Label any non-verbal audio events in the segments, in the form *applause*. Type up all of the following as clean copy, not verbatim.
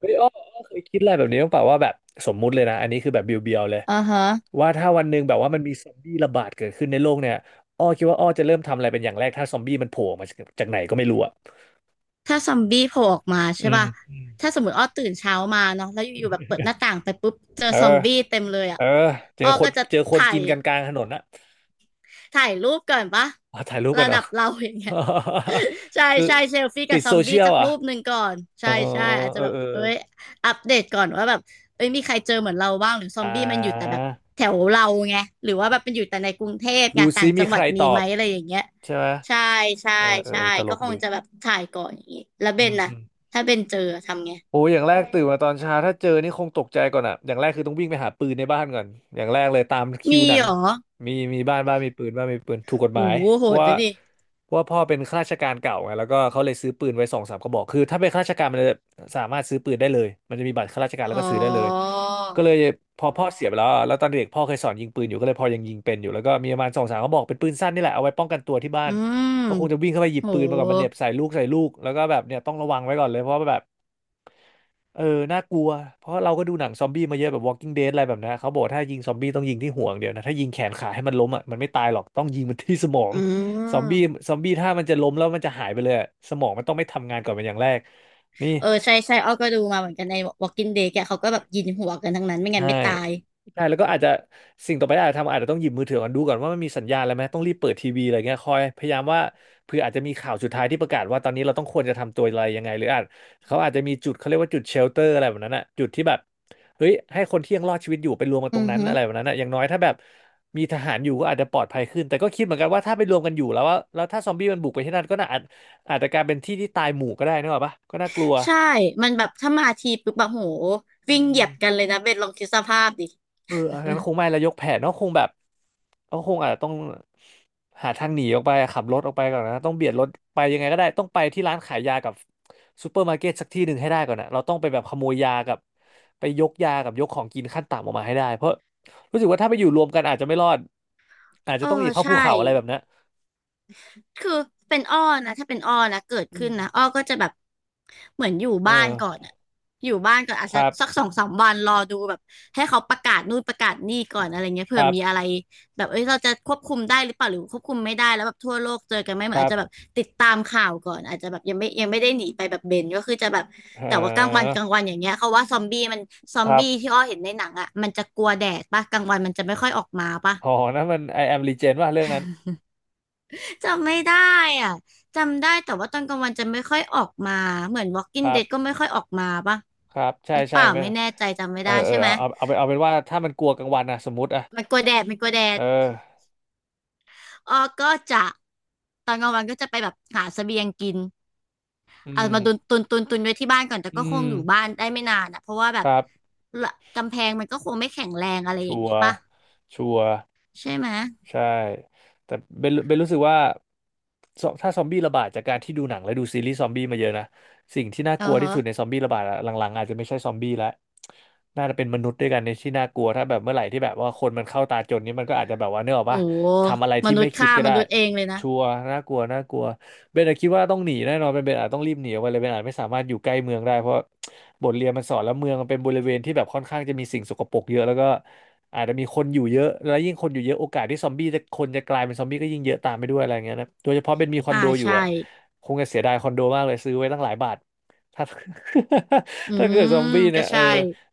เฮ้ยอ้ออ้อเคยคิดอะไรแบบนี้บ้างเปล่าว่าแบบสมมุติเลยนะอันนี้คือแบบเบียวๆเลยอ่าฮะ ว่าถ้าวันหนึ่งแบบว่ามันมีซอมบี้ระบาดเกิดขึ้นในโลกเนี่ยอ้อคิดว่าอ้อจะเริ่มทำอะไรเป็นอย่างแรกถ้าซอมบี้มันโผล่มาจากไหนก็ไม่รู้อ่ะถ้าซอมบี้โผล่ออกมาอืใช่มป่ะ อืมถ้าสมมติอ้อตื่นเช้ามาเนาะแล้วอยู่ๆแบบเปิดหน้าต่างไปปุ๊บ เจอเออซอมบี้เต็มเลยอ่ะเออเจออ้อคก็นจะถ่ากิยนกันกลางถนนนะ ถ่ายรูปก่อนป่ะ *laughs* อ๋อถ่ายรูปกัระนเหรอ ดับเราอย่างเงี้ย *laughs* ใช่ คือใช่เซลฟี่ติกับดซอโซมเชีบี้ยลสักอ่ะรูปหนึ่งก่อนอ๋ใช่อใช่อาจเอจะอแบบเออเอ้ยอัปเดตก่อนว่าแบบเอ้ยมีใครเจอเหมือนเราบ้างหรือซออ่มบี้มันอยู่แต่าแบบแถวเราไง หรือว่าแบบมันอยู่แต่ในกรุงเทพไงดูต่าซิงจัมีงใคหวัรดตมีอไหมบอะไรอย่างเงี้ยใช่ไหมใช่ใช่เออเออใช่ตลก็กคงดีจะแบบถ่ายก่อนอย่างงี้แล้วเบอืนมนะอืม ถ้าเบนเจอทำไง โอ้ยอย่างแรกตื่นมาตอนเช้าถ้าเจอนี่คงตกใจก่อนอ่ะอย่างแรกคือต้องวิ่งไปหาปืนในบ้านก่อนอย่างแรกเลยตามคิวมีหนังเหรอ มีบ้านมีปืนถูกกฎหโอ้มายโหโหเพราะดว่านะดิเพราะว่าพ่อเป็นข้าราชการเก่าไงแล้วก็เขาเลยซื้อปืนไว้สองสามกระบอกคือถ้าเป็นข้าราชการมันจะสามารถซื้อปืนได้เลยมันจะมีบัตรข้าราชการแล้อ๋วอก็ซื้อได้เลย ก็เลยพอพ่อเสียไปแล้วอะแล้วตอนเด็กพ่อเคยสอนยิงปืนอยู่ก็เลยพอยังยิงเป็นอยู่แล้วก็มีประมาณสองสามกระบอกเป็นปืนสั้นนี่แหละเอาไว้ป้องกันตัวที่บ้าอืนมก็คงจะวิ่งเข้าไปหยิบโหปืนมาก่อนมันเหน็บใส่ลูกแล้วก็แบบเนี่ยต้องระวังไว้ก่อนเลยเพราะว่าแบบ เออ น่ากลัว เพราะเราก็ดูหนังซอมบี้มาเยอะแบบ Walking Dead อะไรแบบนั้นเขาบอกถ้ายิงซอมบี้ต้องยิงที่ห่วงเดียวนะ ถ้ายิงแขนขาให้มันล้มอ่ะมันไม่ตายหรอก ต้องยิงมันที่สมองอืซอมบี้ม ซอมบี้ถ้ามันจะล้มแล้วมันจะหายไปเลยอะสมองมันต้องไม่ทำงานก่อนเป็นอย่างแรกนี่ เออใช่ใช่อ้อก็ดูมาเหมือนกันใน Walking Dead แกเขาก็แบบยิงหัวกันทั้งนั้นไม่งั้ใช่นไม่ตายใช่แล้วก็อาจจะสิ่งต่อไปที่อาจจะทำอาจจะต้องหยิบมือถือก่อนดูก่อนว่ามันมีสัญญาณอะไรไหมต้องรีบเปิดทีวีอะไรเงี้ยคอยพยายามว่าเผื่ออาจจะมีข่าวสุดท้ายที่ประกาศว่าตอนนี้เราต้องควรจะทำตัวอะไรยังไงหรืออาจเขาอาจจะมีจุดเขาเรียกว่าจุดเชลเตอร์อะไรแบบนั้นอะจุดที่แบบเฮ้ยให้คนที่ยังรอดชีวิตอยู่ไปรวมกันตรอืงอนั้นฮึอะไรแบบนั้นอะอย่างน้อยถ้าแบบมีทหารอยู่ก็อาจจะปลอดภัยขึ้นแต่ก็คิดเหมือนกันว่าถ้าไปรวมกันอยู่แล้วว่าแล้วถ้าซอมบี้มันบุกไปที่นั่นก็น่าอาจจะกลายเป็นที่ที่ตายหมู่ก็ได้นึกออกปะก็น่ากลัว ใช่มันแบบถ้ามาทีปุ๊บแบบโหวิ่งเหยียบกันเลยนะเบนลองคิดสภาพดิเอออันนั้นคงไม่แล้วยกแผนก็คงแบบก็คงอาจจะต้องหาทางหนีออกไปขับรถออกไปก่อนนะต้องเบียดรถไปยังไงก็ได้ ต้องไปที่ร้านขายยากับซูเปอร์มาร์เก็ตสักที่หนึ่งให้ได้ก่อนนะเราต้องไปแบบขโมยยากับไปยกยากับยกของกินขั้นต่ำออกมาให้ได้ เพราะรู้สึกว่าถ้าไปอยู่รวมกันอาจจะไม่รอด อาจเอจะอต้องหนีเข้าภูใช่ เขาอะไรแบบนั้นคือเป็นอ้อนะถ้าเป็นอ้อนะเกิดอืขึ้นมนะอ้อก็จะแบบเหมือนอยู่เอบ้านอก่อนอะอยู่บ้านก่อนอาจคจะรับสักสองสามวันรอดูแบบให้เขาประกาศนู่นประกาศนี่ก่อนอะไรเงี้ยคเผื่อรัมีบอะไรแบบเอ้ยเราจะควบคุมได้หรือเปล่าหรือควบคุมไม่ได้แล้วแบบทั่วโลกเจอกันไหมเหคมือนรัอาจจะแบบบติดตามข่าวก่อนอาจจะแบบยังไม่ได้หนีไปแบบเบนก็คือจะแบบเแต่ว่ากลางวันออกลางวันอย่างเงี้ยเขาว่าซอมบี้มันซอคมรับบี้ที่อ้อเห็นในหนังอะมันจะกลัวแดดปะกลางวันมันจะไม่ค่อยออกมาปะ อ๋อนั่นมัน I am legend ว่าเรื่องนั้นจำไม่ได้อ่ะจำได้แต่ว่าตอนกลางวันจะไม่ค่อยออกมา เหมือน ค Walking รับ Dead ก็ไม่ค่อยออกมาปะครับใช่หรือเปใช่ล่าไหม ไม่แน่ใจจำไม่เออได้เอใช่อไหมเอาเป็นว่าถ้ามันกลัวกลางวันนะสมมติอะมันกลัวแดดมันกลัวแดดเอออ๋อก็จะตอนกลางวันก็จะไปแบบหาเสบียงกินอืเอามาตุนมตุนตุนตุนไว้ที่บ้านก่อนแต่อืก็คงมอยู่บ้านได้ไม่นานอ่ะ เพราะว่าคแบบรับละกำแพงมันก็คงไม่แข็งแรงอะไรอชัย่างวนี้ร์ปะชัวร์ใช่ไหมใช่แต่เบนรู้สึกว่าถ้าซอมบี้ระบาดจากการที่ดูหนังและดูซีรีส์ซอมบี้มาเยอะนะสิ่งที่น่าเอกลัอวที่ฮะสุดในซอมบี้ระบาดอะหลังๆอาจจะไม่ใช่ซอมบี้แล้วน่าจะเป็นมนุษย์ด้วยกันในที่น่ากลัวถ้าแบบเมื่อไหร่ที่แบบว่าคนมันเข้าตาจนนี้มันก็อาจจะแบบว่าเนกอะโหปะทำอะไรมที่นุไม่ษย์คิดฆ่าก็มได้นุษย์เองเลยนะชัวร์น่ากลัวน่ากลัว เบนอะคิดว่าต้องหนีแน่นอนเป็นเบนอาจต้องรีบหนีออกไปเลยเบนอาจไม่สามารถอยู่ใกล้เมืองได้เพราะบทเรียนมันสอนแล้วเมืองมันเป็นบริเวณที่แบบค่อนข้างจะมีสิ่งสกปรกเยอะแล้วก็อาจจะมีคนอยู่เยอะแล้วยิ่งคนอยู่เยอะโอกาสที่ซอมบี้จะคนจะกลายเป็นซอมบี้ก็ยิ่งเยอะตามไปด้วยอะไรอย่างเงี้ยนะโดยเฉพาะเบนมีคอนอ่าโดอยู่ใช่อะคงจะเสียดายคอนโดมากเลยซื้อไว้ตั้งหลายบาทถ้า อื *laughs* ถ้าเกิดซอมมบี้เนี่ก็ยใช่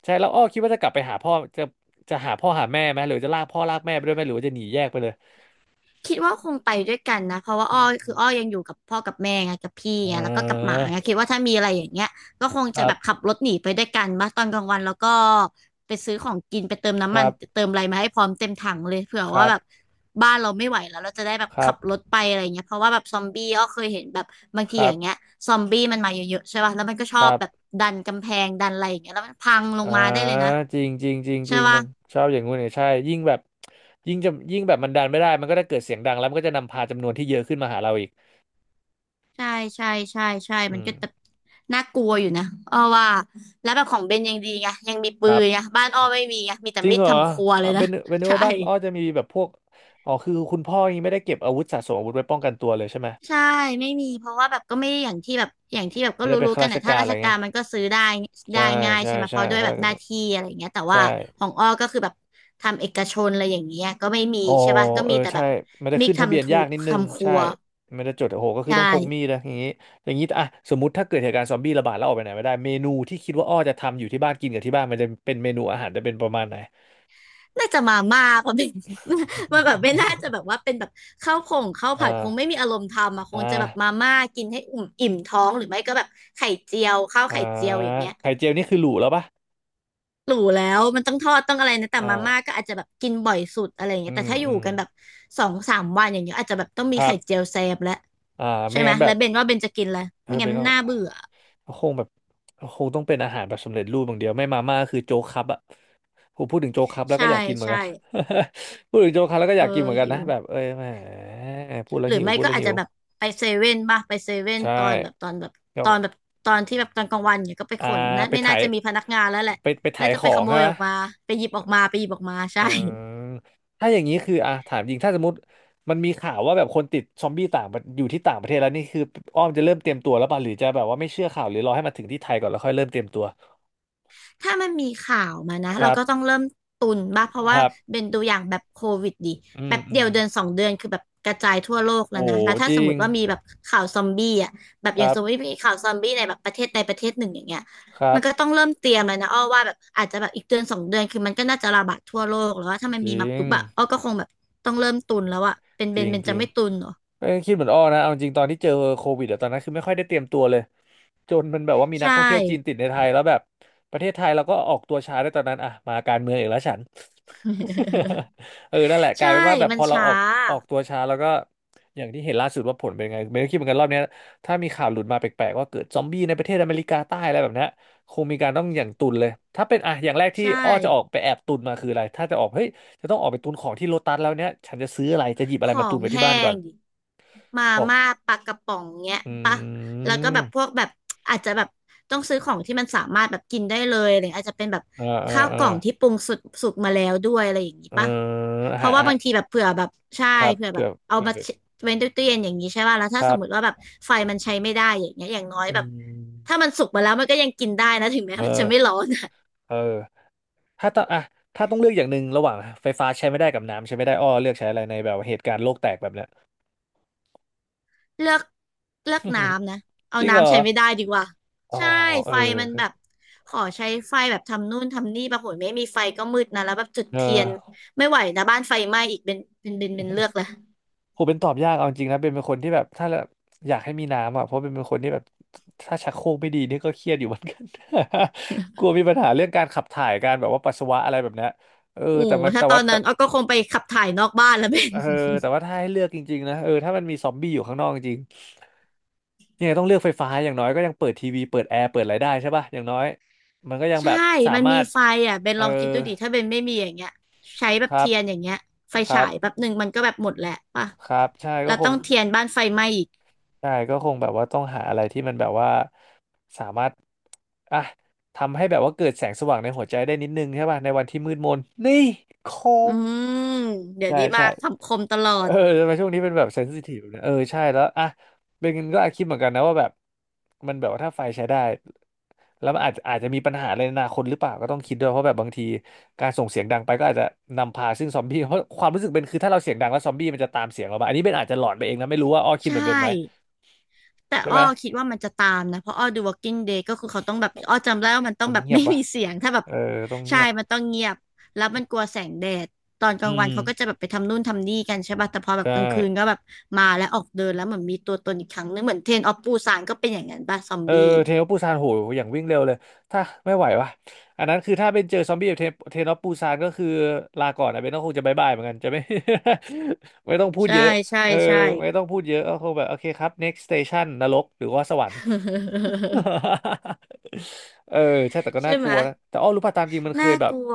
ใช่แล้วอ้อคิดว่าจะกลับไปหาพ่อจะหาพ่อหาแม่ไหมหรือจะลากพ่อลากแม่ไปด้วยไหมหรือว่าจะหนีแยกไปเลยคิดว่าคงไปด้วยกันนะเพราะว่าอือ้อคือมอ้อยังอยู่กับพ่อกับแม่ไงกับพี่เอไงแล้วก็กับหมาอไงคิดว่าถ้ามีอะไรอย่างเงี้ยก็คงคจะรัแบบขับบรถหนีไปด้วยกันมาตอนกลางวันแล้วก็ไปซื้อของกินไปเติมคน้ำมัรันบเติมอะไรมาให้พร้อมเต็มถังเลยเผื่อครัว่าแบบบ บ้านเราไม่ไหวแล้วเราจะได้แบบครัขับบรถไปอะไรเงี้ยเพราะว่าแบบซอมบี้อ้อเคยเห็นแบบบางคทีรัอบย่างเงี้ยซอมบี้มันมาเยอะๆใช่ป่ะแล้วมันก็ชคอบรับแบบดันกำแพงดันอะไรอย่างเงี้ยแล้วมันพังลงอ่ามาได้เลยนะจริงจริงจริงจใช่ริงป่ะ มันชอบอย่างงู้นเนี่ยใช่ยิ่งแบบยิ่งจะยิ่งแบบมันดันไม่ได้มันก็จะเกิดเสียงดังแล้วมันก็จะนำพาจำนวนที่เยอะขึ้นมาหาเราอีกใช่ใช่ใช่ใช่มัอืนก็มจะน่ากลัวอยู่นะอ้อว่าแล้วแบบของเบนยังดีไงยังมีคปืรันไงบบ้านอ้อไม่มีไงมีแต่จริงมีดเหรอทำครัวเลยนะเป็นนึกใช่ว่าบ้านอ้อจะมีแบบพวกอ๋อคือคุณพ่อยังไม่ได้เก็บอาวุธสะสมอาวุธไว้ป้องกันตัวเลยใช่ไหมใช่ไม่มีเพราะว่าแบบก็ไม่ได้อย่างที่แบบก็ไม่ได้เป็นรู้ข้าๆกันราชนะกาถ้ารราอะชไรกาเงี้รยมันก็ซื้อได้ได้ใช่ง่ายใช่ใช่ไหมเพใช่ราะด้วยข้าแบราชบกาหน้ารที่อะไรอย่างเงี้ยแต่ใช่ ว่าของอ้อก็คือแบบทำเอกชนอะไรอย่างเงี้ยก็ไม่มีอ๋อใช่ป่ะก็เออมีแต่แบใช่บมันจะมิกขึ้นทะเบียนทำถูยากกนิดนึงทำครัใช่วมันจะจดโอ้โหก็คือใช่ ต้องพกมีดนะอย่างนี้อย่างนี้อ่ะสมมติถ้าเกิดเหตุการณ์ซอมบี้ระบาดแล้วออกไปไหนไม่ได้เมนูที่คิดว่าอ้อจะทำอยู่ที่บ้านกินกับที่บ้านมันจะเป็นเมนูอาหารจะเป็นประมาณไหน น่าจะมาม่าเพราะเป็น *laughs* มันแบบไม่น่าจะแบบว่าเป็นแบบข้าวผงข้าว *laughs* ผัดคอ่างไม่มีอารมณ์ทำอ่ะคงอ่าจะแบบมาม่ากินให้อิ่มอิ่มท้องหรือไม่ก็แบบไข่เจียวข้าวอ่าไข่เจียวอย่างเงี้ยไข่เจียวนี่คือหรูแล้วปะหรูแล้วมันต้องทอดต้องอะไรนะแต่มาม่าอ่าก็อาจจะแบบกินบ่อยสุดอะไรอย่างอืเงี้ยแต่มถ้าออืยู่มกันแบบสองสามวันอย่างเงี้ยอาจจะแบบต้องมีครัไข่บเจียวแซมแล้วอ่าใช่ไม่ไหมงั้นแบแล้บวเบนว่าเบนจะกินแล้วเออไม่งั้นเป็นมันน่าเบื่อคงแบบคงต้องเป็นอาหารแบบสำเร็จรูปอย่างเดียวไม่มาม่าก็คือโจ๊กครับอะ ผมพูดถึงโจ๊กครับแล้วก็ใช่อยากกินเหมือนใช่กัน *laughs* พูดถึงโจ๊กครับแล้วก็อเอยากกินอเหมือนกันหินะว แบบเอ้ยแหมพูดแล้หวรือหิวไม่พูดก็แล้วอาจหิจะวแบบไปเซเว่นบ้างไปเซเว่นใช่ตอนแบบตอนแบบก็ตอนแบบตอนที่แบบตอนกลางวันเนี่ยก็ไปขอ่านนะไปไม่น่าถ่ายจะมีพนักงานแล้วแหละไปไปถ่าน่ายจะขไปอขงโมใช่ยไหมออกมาไปหยิบออกมาไปหยิบออกมาเอใช่ อถ้าอย่างนี้คืออ่ะถามจริงถ้าสมมติมันมีข่าวว่าแบบคนติดซอมบี้ต่างประอยู่ที่ต่างประเทศแล้วนี่คืออ้อมจะเริ่มเตรียมตัวแล้วป่ะหรือจะแบบว่าไม่เชื่อข่าวหรือรอให้มาถึงที่ไทยก่อนแล้วค่อยเริ่มเตรียมตัวถ้ามันมีข่าวมานะคเรารัก็ต้อบงเริ่มตุนบ้างเพราะคว่ารัเป็บนตัวอย่างแบบโควิดดิอืแป๊มบอืเดียมวเดือนสองเดือนคือแบบกระจายทั่วโลกแล้โอ้วนะแล้วถ้าจริสมมงติว่ามีแบบข่าวซอมบี้อ่ะแบบคอย่างรัสบมมติมีข่าวซอมบี้ในแบบประเทศใดประเทศหนึ่งอย่างเงี้ยครัมับนก็ต้องเริ่มเตรียมแล้วนะอ้อว่าแบบอาจจะแบบอีกเดือนสองเดือนคือมันก็น่าจะระบาดทั่วโลกแล้วว่าถ้ามันจมีริมางปุ๊บอะอ้อก็คงแบบต้องเริ่มตุนแล้วอะเป็นจเบรินงเบนจจะริง ไม่ตุนเหรอเอ้คิดเหมือนอ้อนะเอาจริงตอนที่เจอโควิดอะตอนนั้นคือไม่ค่อยได้เตรียมตัวเลยจนมันแบบว่ามีใชนักท่องเที่ยวจีนติด่ ในไทยแล้วแบบประเทศไทยเราก็ออกตัวช้าด้วยตอนนั้นอ่ะมาการเมืองอีกแล้วฉัน *laughs* *laughs* เออนั่นแหละกลาใช่ยเป็นว่าแบบมัพนอเราช้าออกออกตัวช้าแล้วก็อย่างที่เห็นล่าสุดว่าผลเป็นไงไม่ได้คิดเหมือนกันรอบเนี้ยถ้ามีข่าวหลุดมาแปลกๆว่าเกิดซอมบี้ในประเทศอเมริกาใต้อะไรแบบเนี้ยคงมีการต้องอย่างตุนเลยถ้าเป็นอ่ะอย่างแรกที่ใช่ อ้อจะออกไปแอบตุนมาคืออะไรถ้าจะออกเฮ้ยจะต้องออกไปตุนของที่โลตัสแล้วเนี้ยฉันจะซื้ออะไรจะหยิบอะขไรอมาตุนงไว้ที่แห้บ้านก่อน งดิมาม่าปลากระป๋องเงี้ยอืปะแล้วก็แบบมพวกแบบอาจจะแบบต้องซื้อของที่มันสามารถแบบกินได้เลยอะไรอาจจะเป็นแบบเออเอข้าอวเอกล่อองที่ปรุงสุกสุกมาแล้วด้วยอะไรอย่างนี้เออปะอาเพหาราะรว่าอาหาบารงทีแบบเผื่อแบบใช่ครับเผื่อแบเผื่บอเอาเผื่อมาเผื่อเว้นตู้เย็นอย่างนี้ใช่ป่ะแล้วคถ้าสรัมมติบว่าแบบไฟมันใช้ไม่ได้อย่างเงี้ยอย่างน้อยอืแบบมถ้ามันสุกมาแล้วมันก็ยังกินได้นะถึงแม้เอมันจะอไม่ร้อนอะ เออถ้าต้องอ่ะถ้าต้องเลือกอย่างหนึ่งระหว่างไฟฟ้าใช้ไม่ได้กับน้ำใช้ไม่ได้อ้อเลือกใช้อะไรในแบบเหตุการณ์โลกแตกแบบเนี้ย เลือกเลือก *laughs* น้ำนะเอาจริงเหรอน้ำใช้ไม่ได้ดีกว่าอ๋อใช่เออไฟมันแบบขอใช้ไฟแบบทำนู่นทำนี่ปรากฏไม่มีไฟก็มืดนะแล้วแบบจุดเอเทียนอ ไม่ไหวนะบ้านไฟไหม้อีกเป็นเลือกละ ผมเป็นตอบยากเอาจริงนะเป็นคนที่แบบถ้าแอยากให้มีน้ำอ่ะเพราะเป็นคนที่แบบถ้าชักโครกไม่ดีนี่ก็เครียดอยู่เหมือนกัน *laughs* กลัว *laughs* มีปัญหาเรื่องการขับถ่ายการแบบว่าปัสสาวะอะไรแบบเนี้ยเออโอ้แต่มันถ้าแต่ตอว่านแต่นั้นอ้อก็คงไปขับถ่ายนอกบ้านแล้วเบน เออแต่ *laughs* ว่าถ้าให้เลือกจริงๆนะเออถ้ามันมีซอมบี้อยู่ข้างนอกจริงๆยังไงต้องเลือกไฟฟ้าอย่างน้อยก็ยังเปิดทีวีเปิดแอร์เปิดอะไรได้ใช่ป่ะอย่างน้อยมันก็ยังแบใช่บสามันมามีรถไฟอ่ะเบนเออลองคิดดูดิถ้าเบนไม่มีอย่างเงี้ยใช้แบคบรับเทียนอย่างเงี้ยไฟคฉารับยแป๊บหนึ่งมันก็แบบหมดแหละป่ะครับใช่ก็เราคต้ง องเทียนบ้านไฟไหม้อีกใช่ก็คงแบบว่าต้องหาอะไรที่มันแบบว่าสามารถอ่ะทำให้แบบว่าเกิดแสงสว่างในหัวใจได้นิดนึงใช่ป่ะในวันที่มืดมนนี่คอืมมเดี๋ยวใช่นี้มาใช่คำคมตลอเอดอทำไมช่วงนี้เป็นแบบเซนซิทีฟเนี่ยเออใช่แล้วอ่ะเบนก็อาจคิดเหมือนกันนะว่าแบบมันแบบว่าถ้าไฟใช้ได้แล้วมันอาจจะอาจจะมีปัญหาอะไรในอนาคตหรือเปล่าก็ต้องคิดด้วยเพราะแบบบางทีการส่งเสียงดังไปก็อาจจะนำพาซึ่งซอมบี้เพราะความรู้สึกเป็นคือถ้าเราเสียงดังแล้วซอมบี้มันจะตามเสียงเรามาอันนี้เบนอาจจะหลอนไปเองนะไม่รู้ว่าอ้อคิดใช่ เหมือนเบนไหมแต่ใช่อ้อไหมคิดว่ามันจะตามนะเพราะอ้อดู Walking Dead ก็คือเขาต้องแบบอ้อจำได้ว่ามันผต้องมแบบ *laughs* เงียบไม่วะ มีเสียงถ้าแบบเออต้องเงีใช่ยบมันต้องเงียบแล้วมันกลัวแสงแดดตอนกอืลางวัมนเขาก็จะแบบไปทำนู่นทำนี่กันใช่ป่ะแต่พอแบบใช่ กลางคืนก็แบบมาแล้วออกเดินแล้วเหมือนมีตัวตนอีกครั้งนึงเหมือนเทรนออฟปูซานก็เป็นอย่างนั้นป่ะซอมเออบี้เทนโอปูซานโหอย่างวิ่งเร็วเลย ถ้าไม่ไหววะ อันนั้นคือถ้าเป็นเจอซอมบี้แบบเทนโอปูซานก็คือลาก่อนนะเบนก็คงจะบายบายเหมือนกันจะไม่ *laughs* ไม่ต้องพูดใช่เยอะใช่เออใช่ ไม่ต้องพูดเยอะก็คงแบบโอเคครับ next station นรกหรือว่าสวรรค์ *laughs* *laughs* เออใช่แต่ก็ใช่น่ากไหมลัวนะแต่อ้อรู้ป่ะตามจริงมันเคน่ายแบกบลัว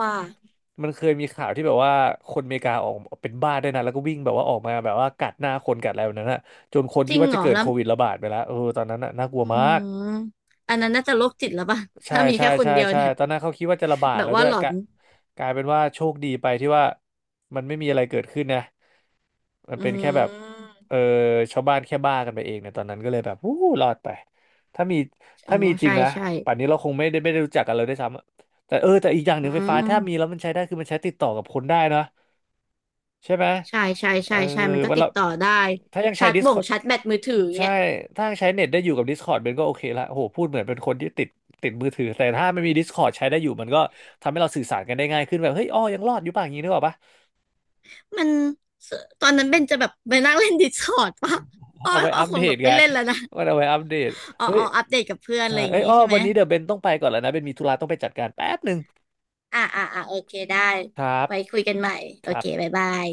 มันเคยมีข่าวที่แบบว่าคนอเมริกาออกเป็นบ้าได้วยนะแล้วก็วิ่งแบบว่าออกมาแบบว่ากัดหน้าคนกัดอะไรแบบนั้นนะจนคนจคิริดงว่าเหจะรอเกิดแล้โคววิดระบาดไปแล้วเออตอนนั้นน่ะน่ากลัวอืมาก มอันนั้นน่าจะโรคจิตแล้วป่ะ *laughs* ใช่ถ้ามีใช่แค่คนใช่เดียวใช่เนี่ยตอนนั้นเขาคิดว่าจะระบาดแบบแล้วด้ว่าวยหลอกะนกลายเป็นว่าโชคดีไปที่ว่ามันไม่มีอะไรเกิดขึ้นนะมันอืเป็นแค่แบบม เออชาวบ้านแค่บ้ากันไปเองเนี่ยตอนนั้นก็เลยแบบวู้รอดไปถ้ามีอ๋อถ้ามีจริงใช่นะใช่ป่านนี้เราคงไม่ได้ไม่ได้รู้จักกันเลยด้วยซ้ำอะแต่เออแต่อีกอย่างหอืนึ่งไฟฟ้าถ้ามีแล้มวมันใช้ได้คือมันใช้ติดต่อกับคนได้นะใช่ไหมใช่ใช่เออใช่ใช่มันก็มันติเราดต่อได้ถ้ายังใช้ ชาร์จบ่ง Discord ชาร์จแบตมือถือใช่ เงี้ยถ้าใช้เน็ตได้อยู่กับ Discord มันก็โอเคละโอ้โห พูดเหมือนเป็นคนที่ติดติดมือถือ แต่ถ้าไม่มี Discord ใช้ได้อยู่มันก็ทำให้เราสื่อสารกันได้ง่ายขึ้นแบบเฮ้ยอ้อยังรอดอยู่ป่ะอย่างนี้นึกออกปะ มันตอนนั้นเบนจะแบบไปนั่งเล่นดิสคอร์ดปะ *laughs* อ้อเอาไว้อ้ออัปคเดงแบตบไปไงเล่นแล้วนะมันเอาไว้อัปเดตอ๋อเฮ้ยอ๋ออัปเดตกับเพื่อนอะใช่ไรอย่างเอ้ยงี้อ้อใช่ไหมวันนี้เดี๋ยวเบนต้องไปก่อนแล้วนะเบนมีธุระต้องไปจัดการแป๊บหนึ่ง โอเคได้ครับ ไว้คุยกันใหม่คโอรัเคบบ๊ายบาย